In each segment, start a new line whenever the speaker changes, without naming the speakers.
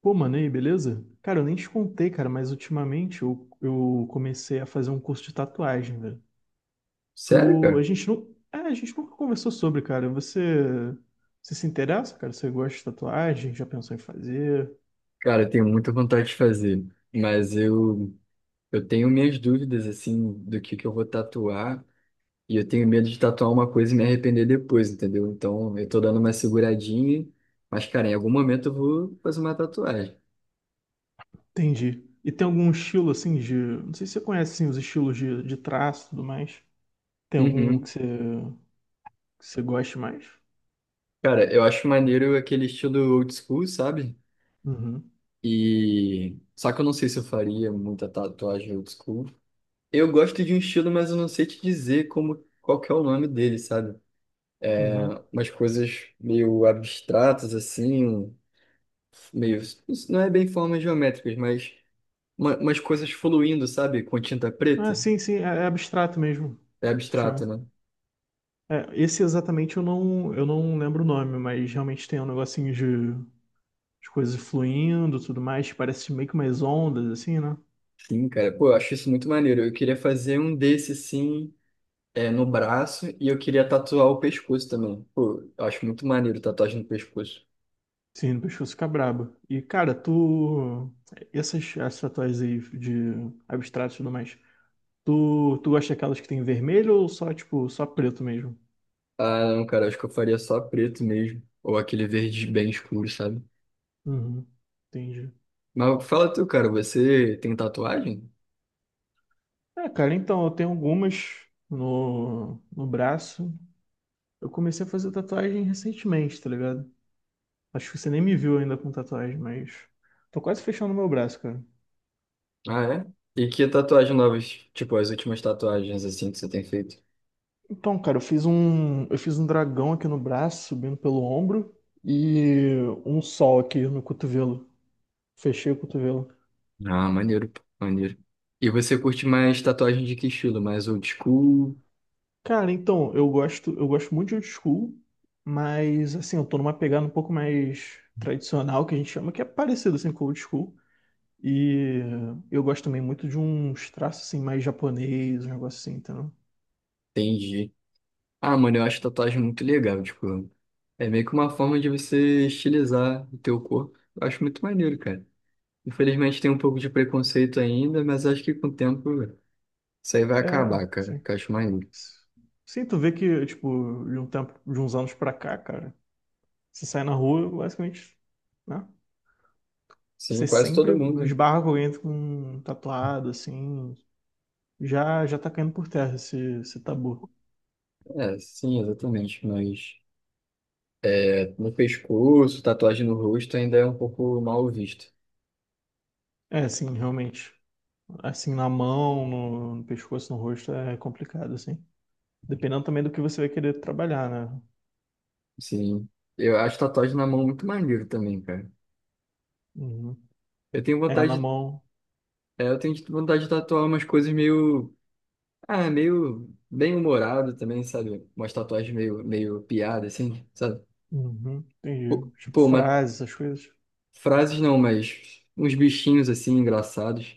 Pô, mano, e aí, beleza? Cara, eu nem te contei, cara, mas ultimamente eu comecei a fazer um curso de tatuagem, velho.
Sério,
Tu, a
cara?
gente não, é, a gente nunca conversou sobre, cara. Você, você se interessa, cara? Você gosta de tatuagem? Já pensou em fazer?
Cara, eu tenho muita vontade de fazer, mas eu tenho minhas dúvidas, assim, do que eu vou tatuar, e eu tenho medo de tatuar uma coisa e me arrepender depois, entendeu? Então, eu tô dando uma seguradinha, mas, cara, em algum momento eu vou fazer uma tatuagem.
Entendi. E tem algum estilo assim de, não sei se você conhece assim, os estilos de traço e tudo mais. Tem algum
Uhum.
que você goste mais?
Cara, eu acho maneiro aquele estilo old school, sabe?
Uhum,
Só que eu não sei se eu faria muita tatuagem old school. Eu gosto de um estilo, mas eu não sei te dizer como, qual que é o nome dele, sabe?
uhum.
Umas coisas meio abstratas, assim, meio. Não é bem formas geométricas, mas umas coisas fluindo, sabe? Com tinta
Ah,
preta.
sim, sim, é, é abstrato mesmo.
É
Que
abstrato,
chama.
né?
É, esse exatamente eu não lembro o nome, mas realmente tem um negocinho de coisas fluindo, tudo mais, parece meio que umas ondas, assim, né?
Sim, cara. Pô, eu acho isso muito maneiro. Eu queria fazer um desse, assim, é, no braço e eu queria tatuar o pescoço também. Pô, eu acho muito maneiro tatuagem no pescoço.
Sim, o pescoço fica brabo. E, cara, tu... Essas, essas tatuagens aí de abstrato e tudo mais, tu, tu gosta daquelas que tem vermelho ou só, tipo, só preto mesmo?
Ah, não, cara, acho que eu faria só preto mesmo. Ou aquele verde bem escuro, sabe?
Uhum, entendi.
Mas fala tu, cara, você tem tatuagem?
É, cara, então, eu tenho algumas no, no braço. Eu comecei a fazer tatuagem recentemente, tá ligado? Acho que você nem me viu ainda com tatuagem, mas tô quase fechando meu braço, cara.
Ah, é? E que tatuagem novas? Tipo, as últimas tatuagens assim que você tem feito?
Então, cara, eu fiz um dragão aqui no braço, subindo pelo ombro e um sol aqui no cotovelo. Fechei o cotovelo.
Ah, maneiro, pô, maneiro. E você curte mais tatuagem de que estilo? Mais old school?
Cara, então, eu gosto muito de old school, mas assim, eu tô numa pegada um pouco mais tradicional que a gente chama, que é parecido assim com old school. E eu gosto também muito de uns traços assim mais japonês, um negócio assim, então.
Entendi. Ah, mano, eu acho tatuagem muito legal, tipo, é meio que uma forma de você estilizar o teu corpo. Eu acho muito maneiro, cara. Infelizmente tem um pouco de preconceito ainda, mas acho que com o tempo isso aí vai
É,
acabar, cara,
sim.
que eu acho maneiro.
Sim, tu vê que, tipo, de um tempo, de uns anos pra cá, cara, você sai na rua, basicamente, né?
Sim,
Você
quase
sempre
todo mundo.
esbarra com alguém com um tatuado, assim, já já tá caindo por terra esse, esse tabu.
É, sim, exatamente, mas... No pescoço, tatuagem no rosto ainda é um pouco mal visto.
É, assim, realmente, assim, na mão, no, no pescoço, no rosto, é complicado, assim. Dependendo também do que você vai querer trabalhar, né?
Sim. Eu acho tatuagem na mão muito maneiro também, cara.
Uhum.
Eu tenho
É, na
vontade, de-
mão,
É, eu tenho vontade de tatuar umas coisas meio, ah, meio bem humorado também, sabe? Umas tatuagens meio, meio piada, assim, sabe?
uhum, entendi.
Pô,
Tipo,
pô, uma,
frases, essas coisas,
frases não, mas uns bichinhos assim engraçados.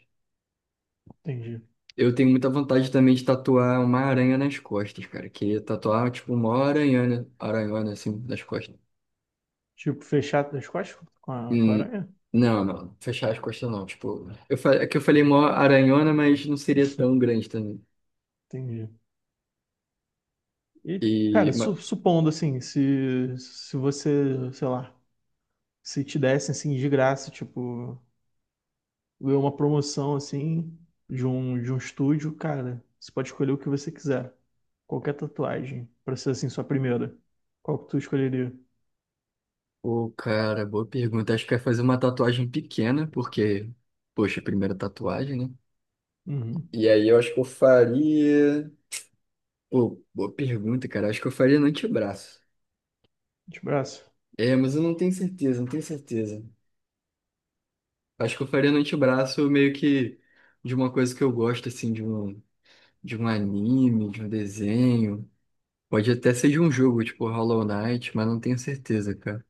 entendi.
Eu tenho muita vontade também de tatuar uma aranha nas costas, cara. Queria tatuar, tipo, uma aranhona, aranhona assim, nas costas.
Tipo, fechar as costas com a
Hum.
aranha,
Não, fechar as costas não. Tipo, é que eu falei mó aranhona, mas não seria tão grande também.
entendi. E,
E,
cara, su-
ma-
supondo assim, se você, sei lá, se te dessem assim de graça, tipo, ganhou uma promoção assim de um estúdio, cara, você pode escolher o que você quiser. Qualquer tatuagem, pra ser assim, sua primeira. Qual que tu escolheria?
Pô, cara, boa pergunta. Acho que eu ia fazer uma tatuagem pequena, porque, poxa, primeira tatuagem, né?
Uhum.
E aí eu acho que eu faria. Pô, boa pergunta, cara. Acho que eu faria no antebraço.
De braço.
É, mas eu não tenho certeza, não tenho certeza. Acho que eu faria no antebraço meio que de uma coisa que eu gosto, assim, de um anime, de um desenho. Pode até ser de um jogo, tipo Hollow Knight, mas não tenho certeza, cara.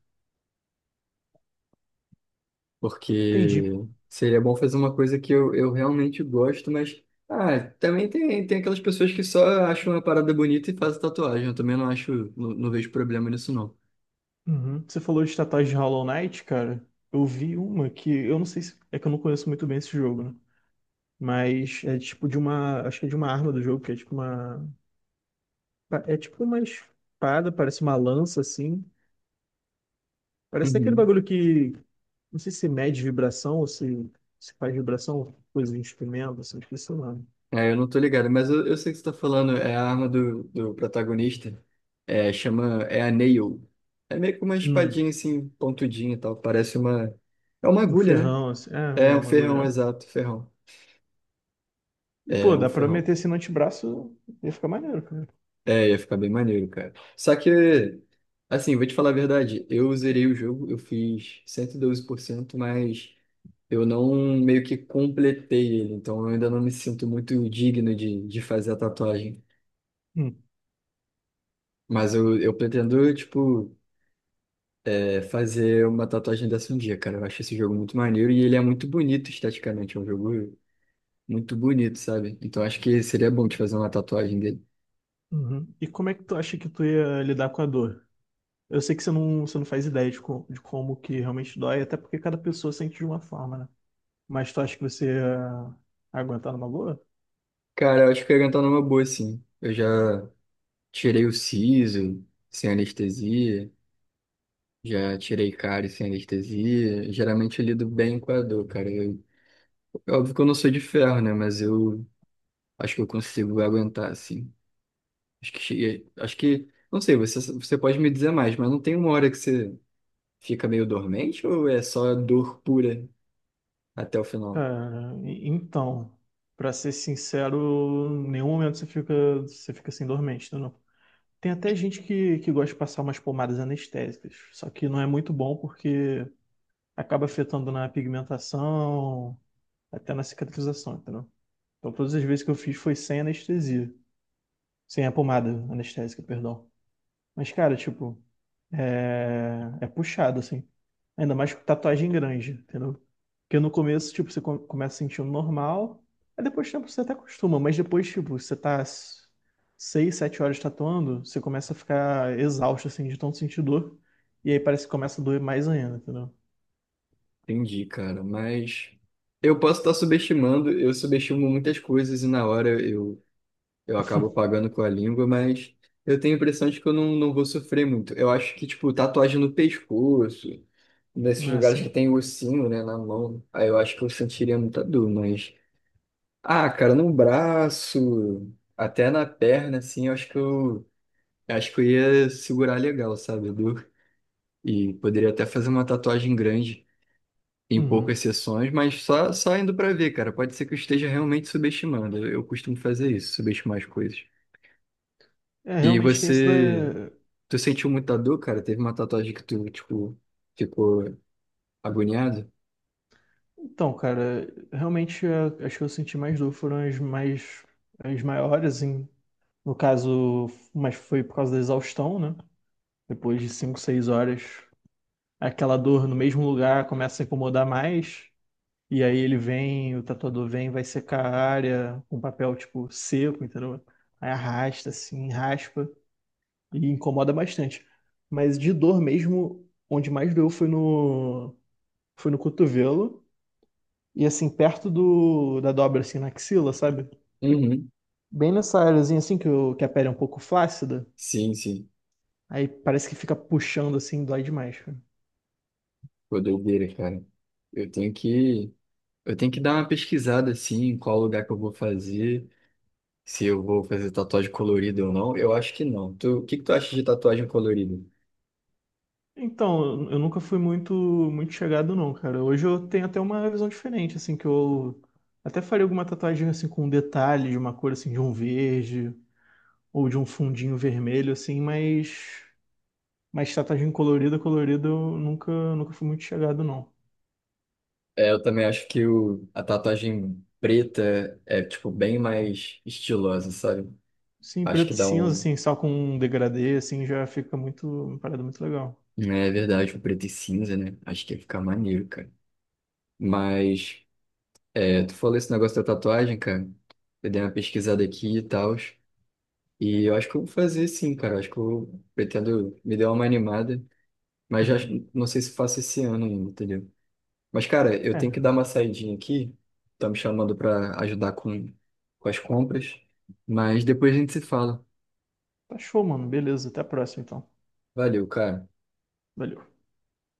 Porque
Entendi.
seria bom fazer uma coisa que eu realmente gosto, mas. Ah, também tem, tem aquelas pessoas que só acham uma parada bonita e fazem tatuagem. Eu também não acho, não, não vejo problema nisso, não.
Uhum. Você falou de tatuagem de Hollow Knight, cara. Eu vi uma que eu não sei se é que eu não conheço muito bem esse jogo, né? Mas é tipo de uma, acho que é de uma arma do jogo, que é tipo uma É tipo uma espada, parece uma lança assim. Parece aquele
Uhum.
bagulho que não sei se mede vibração ou se faz vibração, coisa de instrumento, assim, esqueci o nome.
É, eu não tô ligado, mas eu sei que você tá falando, é a arma do protagonista. É, chama. É a Nail. É meio que uma
Hum,
espadinha assim, pontudinha e tal. Parece uma. É uma
um
agulha, né?
ferrão, assim. É,
É
uma
um ferrão,
bagulho.
exato, ferrão.
E
É
pô,
um
dá pra
ferrão.
meter assim no antebraço, ia ficar maneiro, cara.
É, ia ficar bem maneiro, cara. Só que, assim, vou te falar a verdade, eu zerei o jogo, eu fiz 112%, mas eu não meio que completei ele, então eu ainda não me sinto muito digno de fazer a tatuagem.
Hum,
Mas eu pretendo, tipo, é, fazer uma tatuagem dessa um dia, cara. Eu acho esse jogo muito maneiro e ele é muito bonito esteticamente, é um jogo muito bonito, sabe? Então acho que seria bom te fazer uma tatuagem dele.
uhum. E como é que tu acha que tu ia lidar com a dor? Eu sei que você não faz ideia de, co- de como que realmente dói, até porque cada pessoa sente de uma forma, né? Mas tu acha que você ia aguentar numa boa?
Cara, eu acho que eu ia cantar numa boa, sim. Eu já tirei o siso sem anestesia, já tirei cárie sem anestesia. Geralmente eu lido bem com a dor, cara. Eu, é óbvio que eu não sou de ferro, né? Mas eu acho que eu consigo aguentar, assim. Acho que cheguei, acho que, não sei, você pode me dizer mais, mas não tem uma hora que você fica meio dormente ou é só dor pura até o final?
Cara, e- então, pra ser sincero, em nenhum momento você fica assim dormente, tá, não? Tem até gente que gosta de passar umas pomadas anestésicas, só que não é muito bom porque acaba afetando na pigmentação, até na cicatrização, entendeu? Então, todas as vezes que eu fiz foi sem anestesia, sem a pomada anestésica, perdão. Mas, cara, tipo, é, é puxado, assim. Ainda mais com tatuagem grande, entendeu? Porque no começo, tipo, você co- começa sentindo normal, aí depois de tempo você até acostuma, mas depois, tipo, você tá s- 6, 7 horas tatuando, você começa a ficar exausto, assim, de tanto sentir dor, e aí parece que começa a doer mais ainda, entendeu?
Entendi, cara, mas eu posso estar subestimando, eu subestimo muitas coisas e na hora eu acabo pagando com a língua, mas eu tenho a impressão de que eu não vou sofrer muito. Eu acho que, tipo, tatuagem no pescoço, nesses
Não é
lugares que
assim.
tem ossinho, né, na mão, aí eu acho que eu sentiria muita dor, mas. Ah, cara, no braço, até na perna, assim, eu acho que eu. Acho que eu ia segurar legal, sabe, a dor. E poderia até fazer uma tatuagem grande, em
Uhum.
poucas sessões, mas só indo pra ver, cara. Pode ser que eu esteja realmente subestimando. Eu costumo fazer isso, subestimar as coisas.
É,
E
realmente tem isso da...
você. Tu sentiu muita dor, cara? Teve uma tatuagem que tu, tipo, ficou agoniado?
Então, cara, realmente a- as que eu senti mais dor foram as mais... as maiores, em... no caso, mas foi por causa da exaustão, né? Depois de 5, 6 horas, aquela dor no mesmo lugar começa a incomodar mais. E aí ele vem, o tatuador vem, vai secar a área com papel, tipo, seco, entendeu? Aí arrasta, assim, raspa e incomoda bastante. Mas de dor mesmo, onde mais doeu foi no cotovelo e, assim, perto do, da dobra, assim, na axila, sabe?
Uhum.
Bem nessa áreazinha, assim, que, o- que a pele é um pouco flácida.
Sim, sim.
Aí parece que fica puxando, assim, dói demais, cara.
Pô, doideira, cara. Eu tenho que, eu tenho que dar uma pesquisada, assim, em qual lugar que eu vou fazer, se eu vou fazer tatuagem colorida ou não. Eu acho que não. Tu, o que que tu acha de tatuagem colorida?
Então, eu nunca fui muito muito chegado não, cara. Hoje eu tenho até uma visão diferente, assim, que eu até faria alguma tatuagem assim com um detalhe de uma cor assim de um verde ou de um fundinho vermelho assim, mas tatuagem colorida, colorida eu nunca nunca fui muito chegado não.
É, eu também acho que a tatuagem preta é, tipo, bem mais estilosa, sabe?
Sim,
Acho
preto
que
e
dá
cinza
um...
assim, só com um degradê assim já fica muito uma parada muito legal.
É verdade, o preto e cinza, né? Acho que ia ficar maneiro, cara. Mas... É, tu falou esse negócio da tatuagem, cara. Eu dei uma pesquisada aqui e tal. E eu acho que eu vou fazer sim, cara. Eu acho que eu pretendo me dar uma animada. Mas já
Uhum.
não sei se faço esse ano ainda, entendeu? Mas, cara, eu tenho que
É,
dar uma saidinha aqui. Tá me chamando pra ajudar com as compras. Mas depois a gente se fala.
tá show, mano. Beleza, até a próxima então.
Valeu, cara.
Valeu.